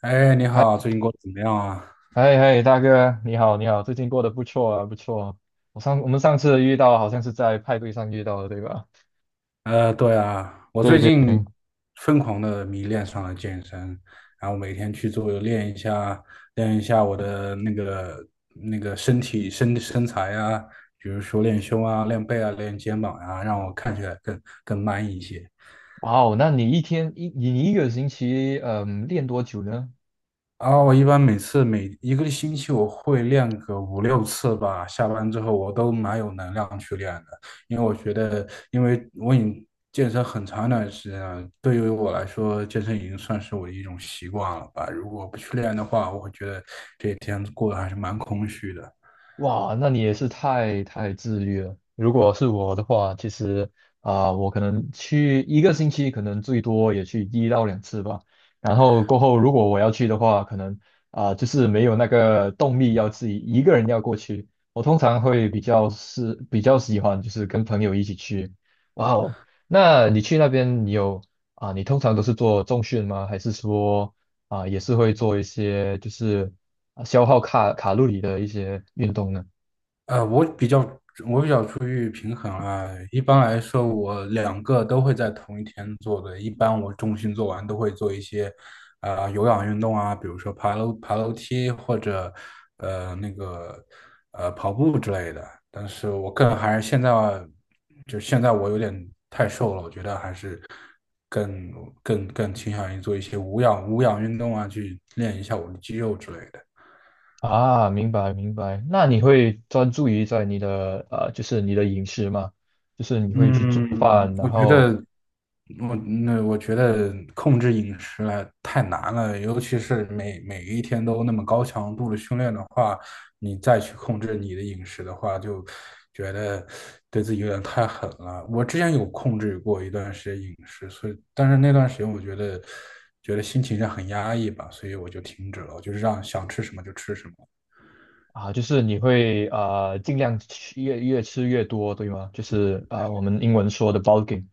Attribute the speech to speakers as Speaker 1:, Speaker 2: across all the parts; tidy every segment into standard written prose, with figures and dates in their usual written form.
Speaker 1: 哎，你好，
Speaker 2: 嗨
Speaker 1: 最近过得怎么样啊？
Speaker 2: 嗨嗨，大哥，你好，你好，最近过得不错啊，不错啊。我们上次遇到好像是在派对上遇到的，对吧？
Speaker 1: 对啊，我
Speaker 2: 对
Speaker 1: 最
Speaker 2: 对
Speaker 1: 近
Speaker 2: 对。
Speaker 1: 疯狂的迷恋上了健身，然后每天去练一下，练一下我的那个身体身身材啊，比如说练胸啊、练背啊、练肩膀啊，让我看起来更 man 一些。
Speaker 2: 哇哦，那你一天一你你一个星期练多久呢？
Speaker 1: 啊，我一般每一个星期我会练个五六次吧，下班之后我都蛮有能量去练的，因为我已经健身很长一段时间了，对于我来说，健身已经算是我的一种习惯了吧。如果不去练的话，我会觉得这一天过得还是蛮空虚的。
Speaker 2: 哇，那你也是太自律了。如果是我的话，其实我可能去一个星期，可能最多也去一到两次吧。然后过后，如果我要去的话，可能就是没有那个动力要自己一个人要过去。我通常会比较喜欢就是跟朋友一起去。哇哦，那你去那边你有啊、你通常都是做重训吗？还是说也是会做一些就是？消耗卡路里的一些运动呢？
Speaker 1: 呃，我比较我比较出于平衡啊，一般来说我两个都会在同一天做的，一般我重心做完都会做一些，有氧运动啊，比如说爬楼梯或者呃那个跑步之类的。但是我更还是现在就现在我有点太瘦了，我觉得还是更更倾向于做一些无氧运动啊，去练一下我的肌肉之类的。
Speaker 2: 啊，明白明白。那你会专注于在你的就是你的饮食嘛，就是你会去做
Speaker 1: 嗯，
Speaker 2: 饭，
Speaker 1: 我
Speaker 2: 然
Speaker 1: 觉
Speaker 2: 后
Speaker 1: 得我觉得控制饮食来太难了，尤其是每一天都那么高强度的训练的话，你再去控制你的饮食的话，就觉得对自己有点太狠了。我之前有控制过一段时间饮食，所以但是那段时间我觉得觉得心情上很压抑吧，所以我就停止了，我就是让想吃什么就吃什么。
Speaker 2: 啊，就是你会尽量越吃越多，对吗？就是我们英文说的 bulking，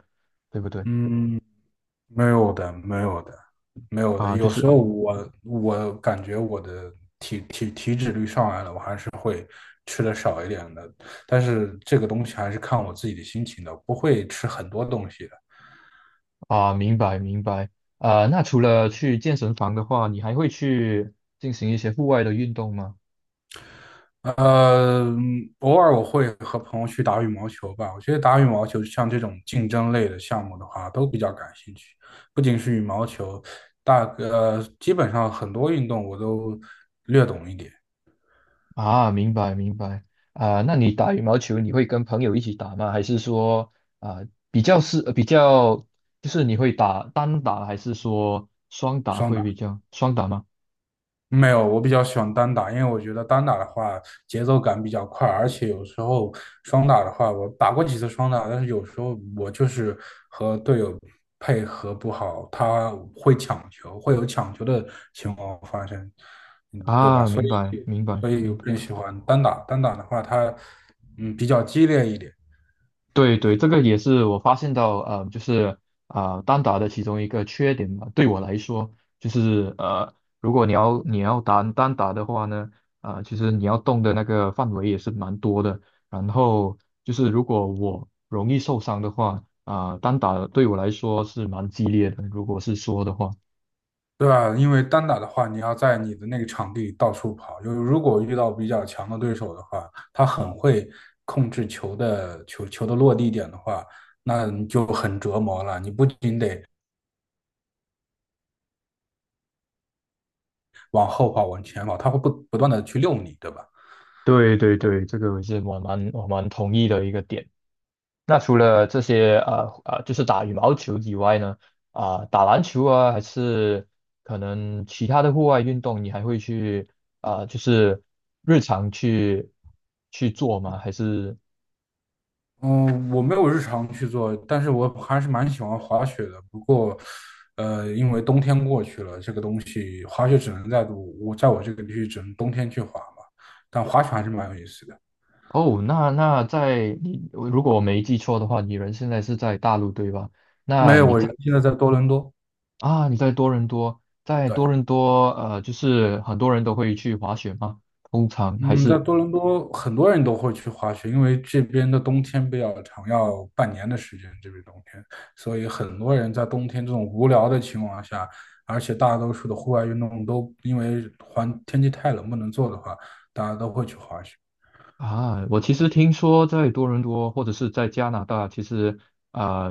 Speaker 2: 对不对？
Speaker 1: 嗯，没有的，没有的，没有的。
Speaker 2: 啊，就
Speaker 1: 有时
Speaker 2: 是
Speaker 1: 候我感觉我的体脂率上来了，我还是会吃的少一点的。但是这个东西还是看我自己的心情的，不会吃很多东西的。
Speaker 2: 明白明白。啊，那除了去健身房的话，你还会去进行一些户外的运动吗？
Speaker 1: 呃，偶尔我会和朋友去打羽毛球吧。我觉得打羽毛球像这种竞争类的项目的话，都比较感兴趣。不仅是羽毛球，基本上很多运动我都略懂一点，
Speaker 2: 啊，明白明白。啊，那你打羽毛球你会跟朋友一起打吗？还是说啊比较就是你会打单打还是说双打
Speaker 1: 双
Speaker 2: 会比
Speaker 1: 打。
Speaker 2: 较双打吗？
Speaker 1: 没有，我比较喜欢单打，因为我觉得单打的话节奏感比较快，而且有时候双打的话，我打过几次双打，但是有时候我就是和队友配合不好，他会抢球，会有抢球的情况发生，嗯，对吧？
Speaker 2: 啊，明白明白
Speaker 1: 所以
Speaker 2: 明
Speaker 1: 我
Speaker 2: 白。
Speaker 1: 更喜欢单打。单打的话，它比较激烈一点。
Speaker 2: 对对，这个也是我发现到，就是单打的其中一个缺点吧。对我来说，就是如果你要打单打的话呢，其实你要动的那个范围也是蛮多的。然后就是如果我容易受伤的话，单打对我来说是蛮激烈的。如果是说的话，
Speaker 1: 对吧？因为单打的话，你要在你的那个场地到处跑。就是如果遇到比较强的对手的话，他很会控制球的落地点的话，那你就很折磨了。你不仅得往后跑，往前跑，他会不断的去遛你，对吧？
Speaker 2: 对对对，这个也是我蛮同意的一个点。那除了这些就是打羽毛球以外呢，打篮球啊，还是可能其他的户外运动，你还会去就是日常去做吗？还是
Speaker 1: 嗯，我没有日常去做，但是我还是蛮喜欢滑雪的。不过，因为冬天过去了，这个东西滑雪只能在我这个地区只能冬天去滑嘛。但滑雪还是蛮有意思的。
Speaker 2: 哦，那在你如果我没记错的话，你人现在是在大陆对吧？
Speaker 1: 没
Speaker 2: 那
Speaker 1: 有，
Speaker 2: 你
Speaker 1: 我
Speaker 2: 在
Speaker 1: 现在在多伦多。
Speaker 2: 啊，你在多伦多，在
Speaker 1: 对，
Speaker 2: 多伦多就是很多人都会去滑雪吗？通常还
Speaker 1: 嗯，
Speaker 2: 是。
Speaker 1: 在多伦多很多人都会去滑雪，因为这边的冬天比较长，要半年的时间，这边冬天，所以很多人在冬天这种无聊的情况下，而且大多数的户外运动都因为环天气太冷不能做的话，大家都会去滑雪。
Speaker 2: 啊，我其实听说在多伦多或者是在加拿大，其实啊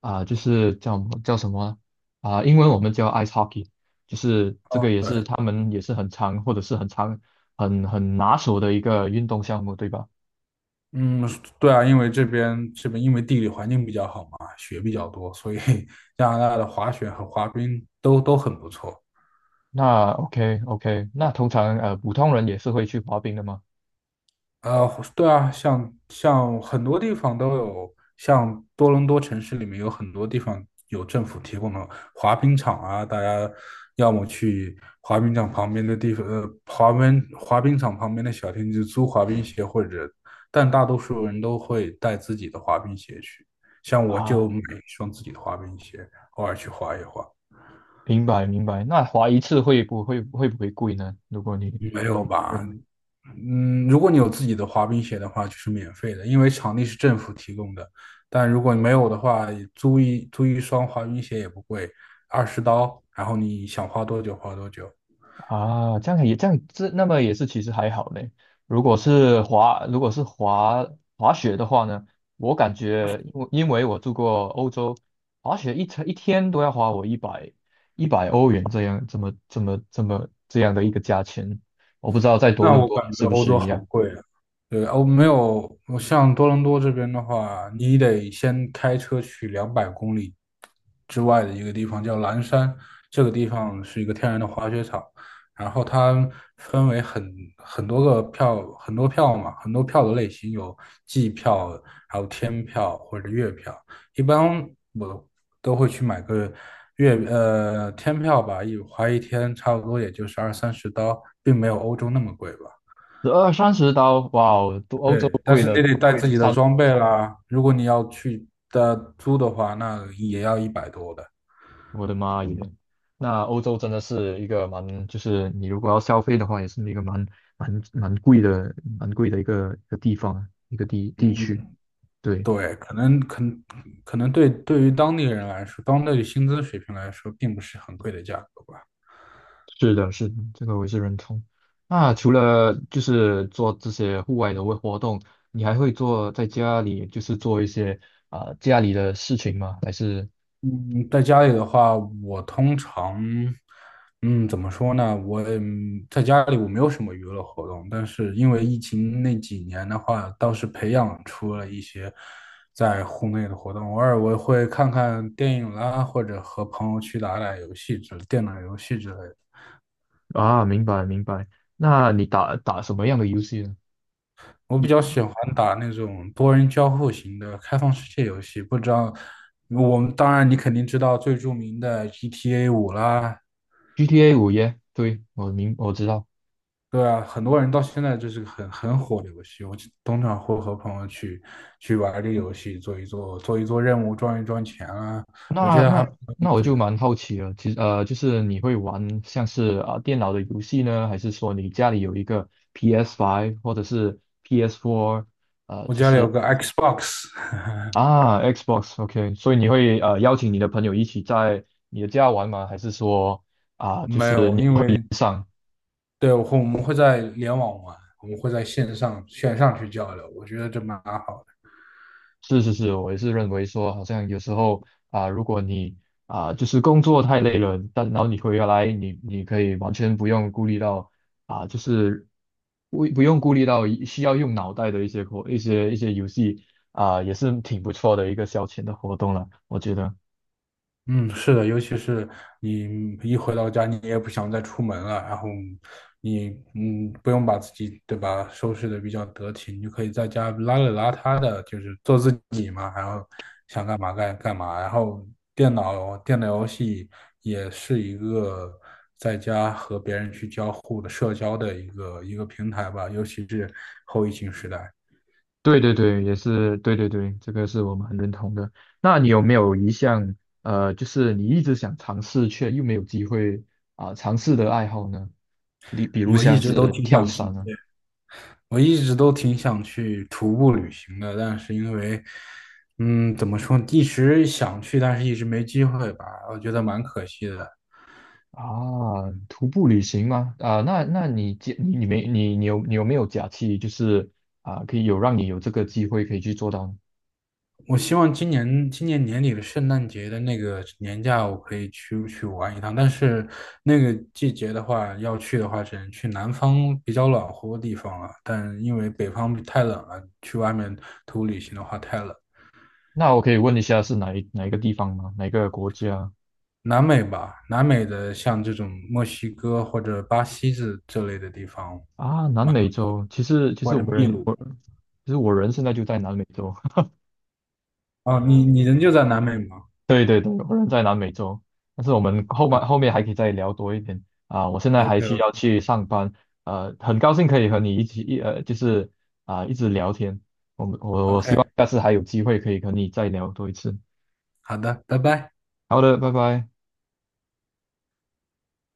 Speaker 2: 就是叫什么英文我们叫 ice hockey，就是这个也是
Speaker 1: 对，
Speaker 2: 他们也是很常或者是很常很拿手的一个运动项目，对吧？
Speaker 1: 嗯，对啊，因为这边因为地理环境比较好嘛，雪比较多，所以 加拿大的滑雪和滑冰都很不错。
Speaker 2: 那 OK OK，那通常普通人也是会去滑冰的吗？
Speaker 1: 呃，对啊，像很多地方都有，像多伦多城市里面有很多地方有政府提供的滑冰场啊，大家要么去滑冰场旁边的地方，滑冰场旁边的小店去租滑冰鞋，或者，但大多数人都会带自己的滑冰鞋去，像我就
Speaker 2: 啊，
Speaker 1: 买一双自己的滑冰鞋，偶尔去滑一滑。
Speaker 2: 明白明白。那滑一次会不会贵呢？如果你
Speaker 1: 没有吧？
Speaker 2: 认
Speaker 1: 如果你有自己的滑冰鞋的话，就是免费的，因为场地是政府提供的。但如果你没有的话，租一双滑冰鞋也不贵，20刀，然后你想花多久花多久。
Speaker 2: 啊，这样那么也是其实还好嘞。如果是滑雪的话呢，我感觉因为我住过欧洲，滑雪一天一天都要花我一百欧元这样这么这么这么这样的一个价钱，我不知道在多
Speaker 1: 那
Speaker 2: 伦
Speaker 1: 我
Speaker 2: 多
Speaker 1: 感
Speaker 2: 也
Speaker 1: 觉
Speaker 2: 是不
Speaker 1: 欧
Speaker 2: 是
Speaker 1: 洲
Speaker 2: 一
Speaker 1: 好
Speaker 2: 样，
Speaker 1: 贵啊。对，没有，我像多伦多这边的话，你得先开车去200公里之外的一个地方，叫蓝山。这个地方是一个天然的滑雪场，然后它分为很多个票，很多票嘛，很多票的类型有季票，还有天票或者月票。一般我都会去买个天票吧，一天差不多也就是二三十刀，并没有欧洲那么贵吧。
Speaker 2: 十二三十刀，哇哦，都欧洲
Speaker 1: 对，但
Speaker 2: 贵
Speaker 1: 是你
Speaker 2: 了
Speaker 1: 得带自己的装备啦。如果你要租的话，那也要100多的。
Speaker 2: 我的妈耶！那欧洲真的是一个蛮，就是你如果要消费的话，也是一个蛮蛮贵的、蛮贵的一个地方、一个地区。
Speaker 1: 嗯，
Speaker 2: 对，
Speaker 1: 对，可能对于当地人来说，当地的薪资水平来说，并不是很贵的价格吧。
Speaker 2: 是的，是的，这个我也是认同。那除了就是做这些户外的活动，你还会做在家里，就是做一些家里的事情吗？还是
Speaker 1: 嗯，在家里的话，我通常，嗯，怎么说呢？在家里我没有什么娱乐活动，但是因为疫情那几年的话，倒是培养出了一些在户内的活动。偶尔我会看看电影啦，或者和朋友去打打游戏之电脑游戏之类的。
Speaker 2: 啊，明白明白。那你打打什么样的游戏呢？
Speaker 1: 我比
Speaker 2: 你
Speaker 1: 较喜欢打那种多人交互型的开放世界游戏，不知道当然你肯定知道最著名的 GTA 5啦，
Speaker 2: GTA 五耶？对，我知道。
Speaker 1: 对啊，很多人到现在就是个很火的游戏，我通常会和朋友去玩这个游戏，做一做任务，赚一赚钱啊，我觉
Speaker 2: 那
Speaker 1: 得还
Speaker 2: 那
Speaker 1: 蛮有
Speaker 2: 那
Speaker 1: 意
Speaker 2: 我
Speaker 1: 思
Speaker 2: 就
Speaker 1: 的。
Speaker 2: 蛮好奇了，其实就是你会玩像是电脑的游戏呢，还是说你家里有一个 PS5 或者是 PS4
Speaker 1: 我家里有个 Xbox，
Speaker 2: 啊 Xbox？OK，所以你会邀请你的朋友一起在你的家玩吗？还是说？
Speaker 1: 没有，因为
Speaker 2: 上？
Speaker 1: 对我们会在联网玩，我们会在线上去交流，我觉得这蛮好的。
Speaker 2: 是是是，我也是认为说，好像有时候如果你就是工作太累了，但然后你回来，你可以完全不用顾虑到就是不用顾虑到需要用脑袋的一些活一些一些游戏也是挺不错的一个消遣的活动了，我觉得。
Speaker 1: 嗯，是的，尤其是你一回到家，你也不想再出门了，然后你不用把自己对吧收拾的比较得体，你就可以在家邋里邋遢的，就是做自己嘛，然后想干嘛干嘛，然后电脑游戏也是一个在家和别人去交互的社交的一个平台吧，尤其是后疫情时代，
Speaker 2: 对对对，也是对对对，这个是我们很认同的。那你有没有一项就是你一直想尝试却又没有机会尝试的爱好呢？你比如
Speaker 1: 我一
Speaker 2: 像
Speaker 1: 直都
Speaker 2: 是
Speaker 1: 挺
Speaker 2: 跳
Speaker 1: 想去。
Speaker 2: 伞啊，
Speaker 1: 我一直都挺想去徒步旅行的，但是因为，怎么说，一直想去，但是一直没机会吧，我觉得蛮可惜的。
Speaker 2: 啊，徒步旅行吗？啊，那你假你你没你你有你有没有假期，就是啊，可以有让你有这个机会可以去做到呢？
Speaker 1: 我希望今年年底的圣诞节的那个年假，我可以去玩一趟。但是那个季节的话，要去的话，只能去南方比较暖和的地方了。但因为北方太冷了，去外面徒步旅行的话太冷。
Speaker 2: 那我可以问一下是哪一个地方吗？哪个国家
Speaker 1: 南美吧，南美的像这种墨西哥或者巴西这类的地方。
Speaker 2: 啊？南美洲，其实其
Speaker 1: 我
Speaker 2: 实
Speaker 1: 的
Speaker 2: 我
Speaker 1: 秘
Speaker 2: 人
Speaker 1: 鲁。
Speaker 2: 我其实我人现在就在南美洲。
Speaker 1: 哦，你人就在南美吗？
Speaker 2: 对对对，我人在南美洲，但是我们后面
Speaker 1: 嗯
Speaker 2: 后面还可以再聊多一点，我现在还需
Speaker 1: ，OK
Speaker 2: 要去上班，很高兴可以和你一起一呃，就是一直聊天。我们我我希
Speaker 1: OK，
Speaker 2: 望下次还有机会可以和你再聊多一次。
Speaker 1: 好的，拜拜。
Speaker 2: 好的，拜拜。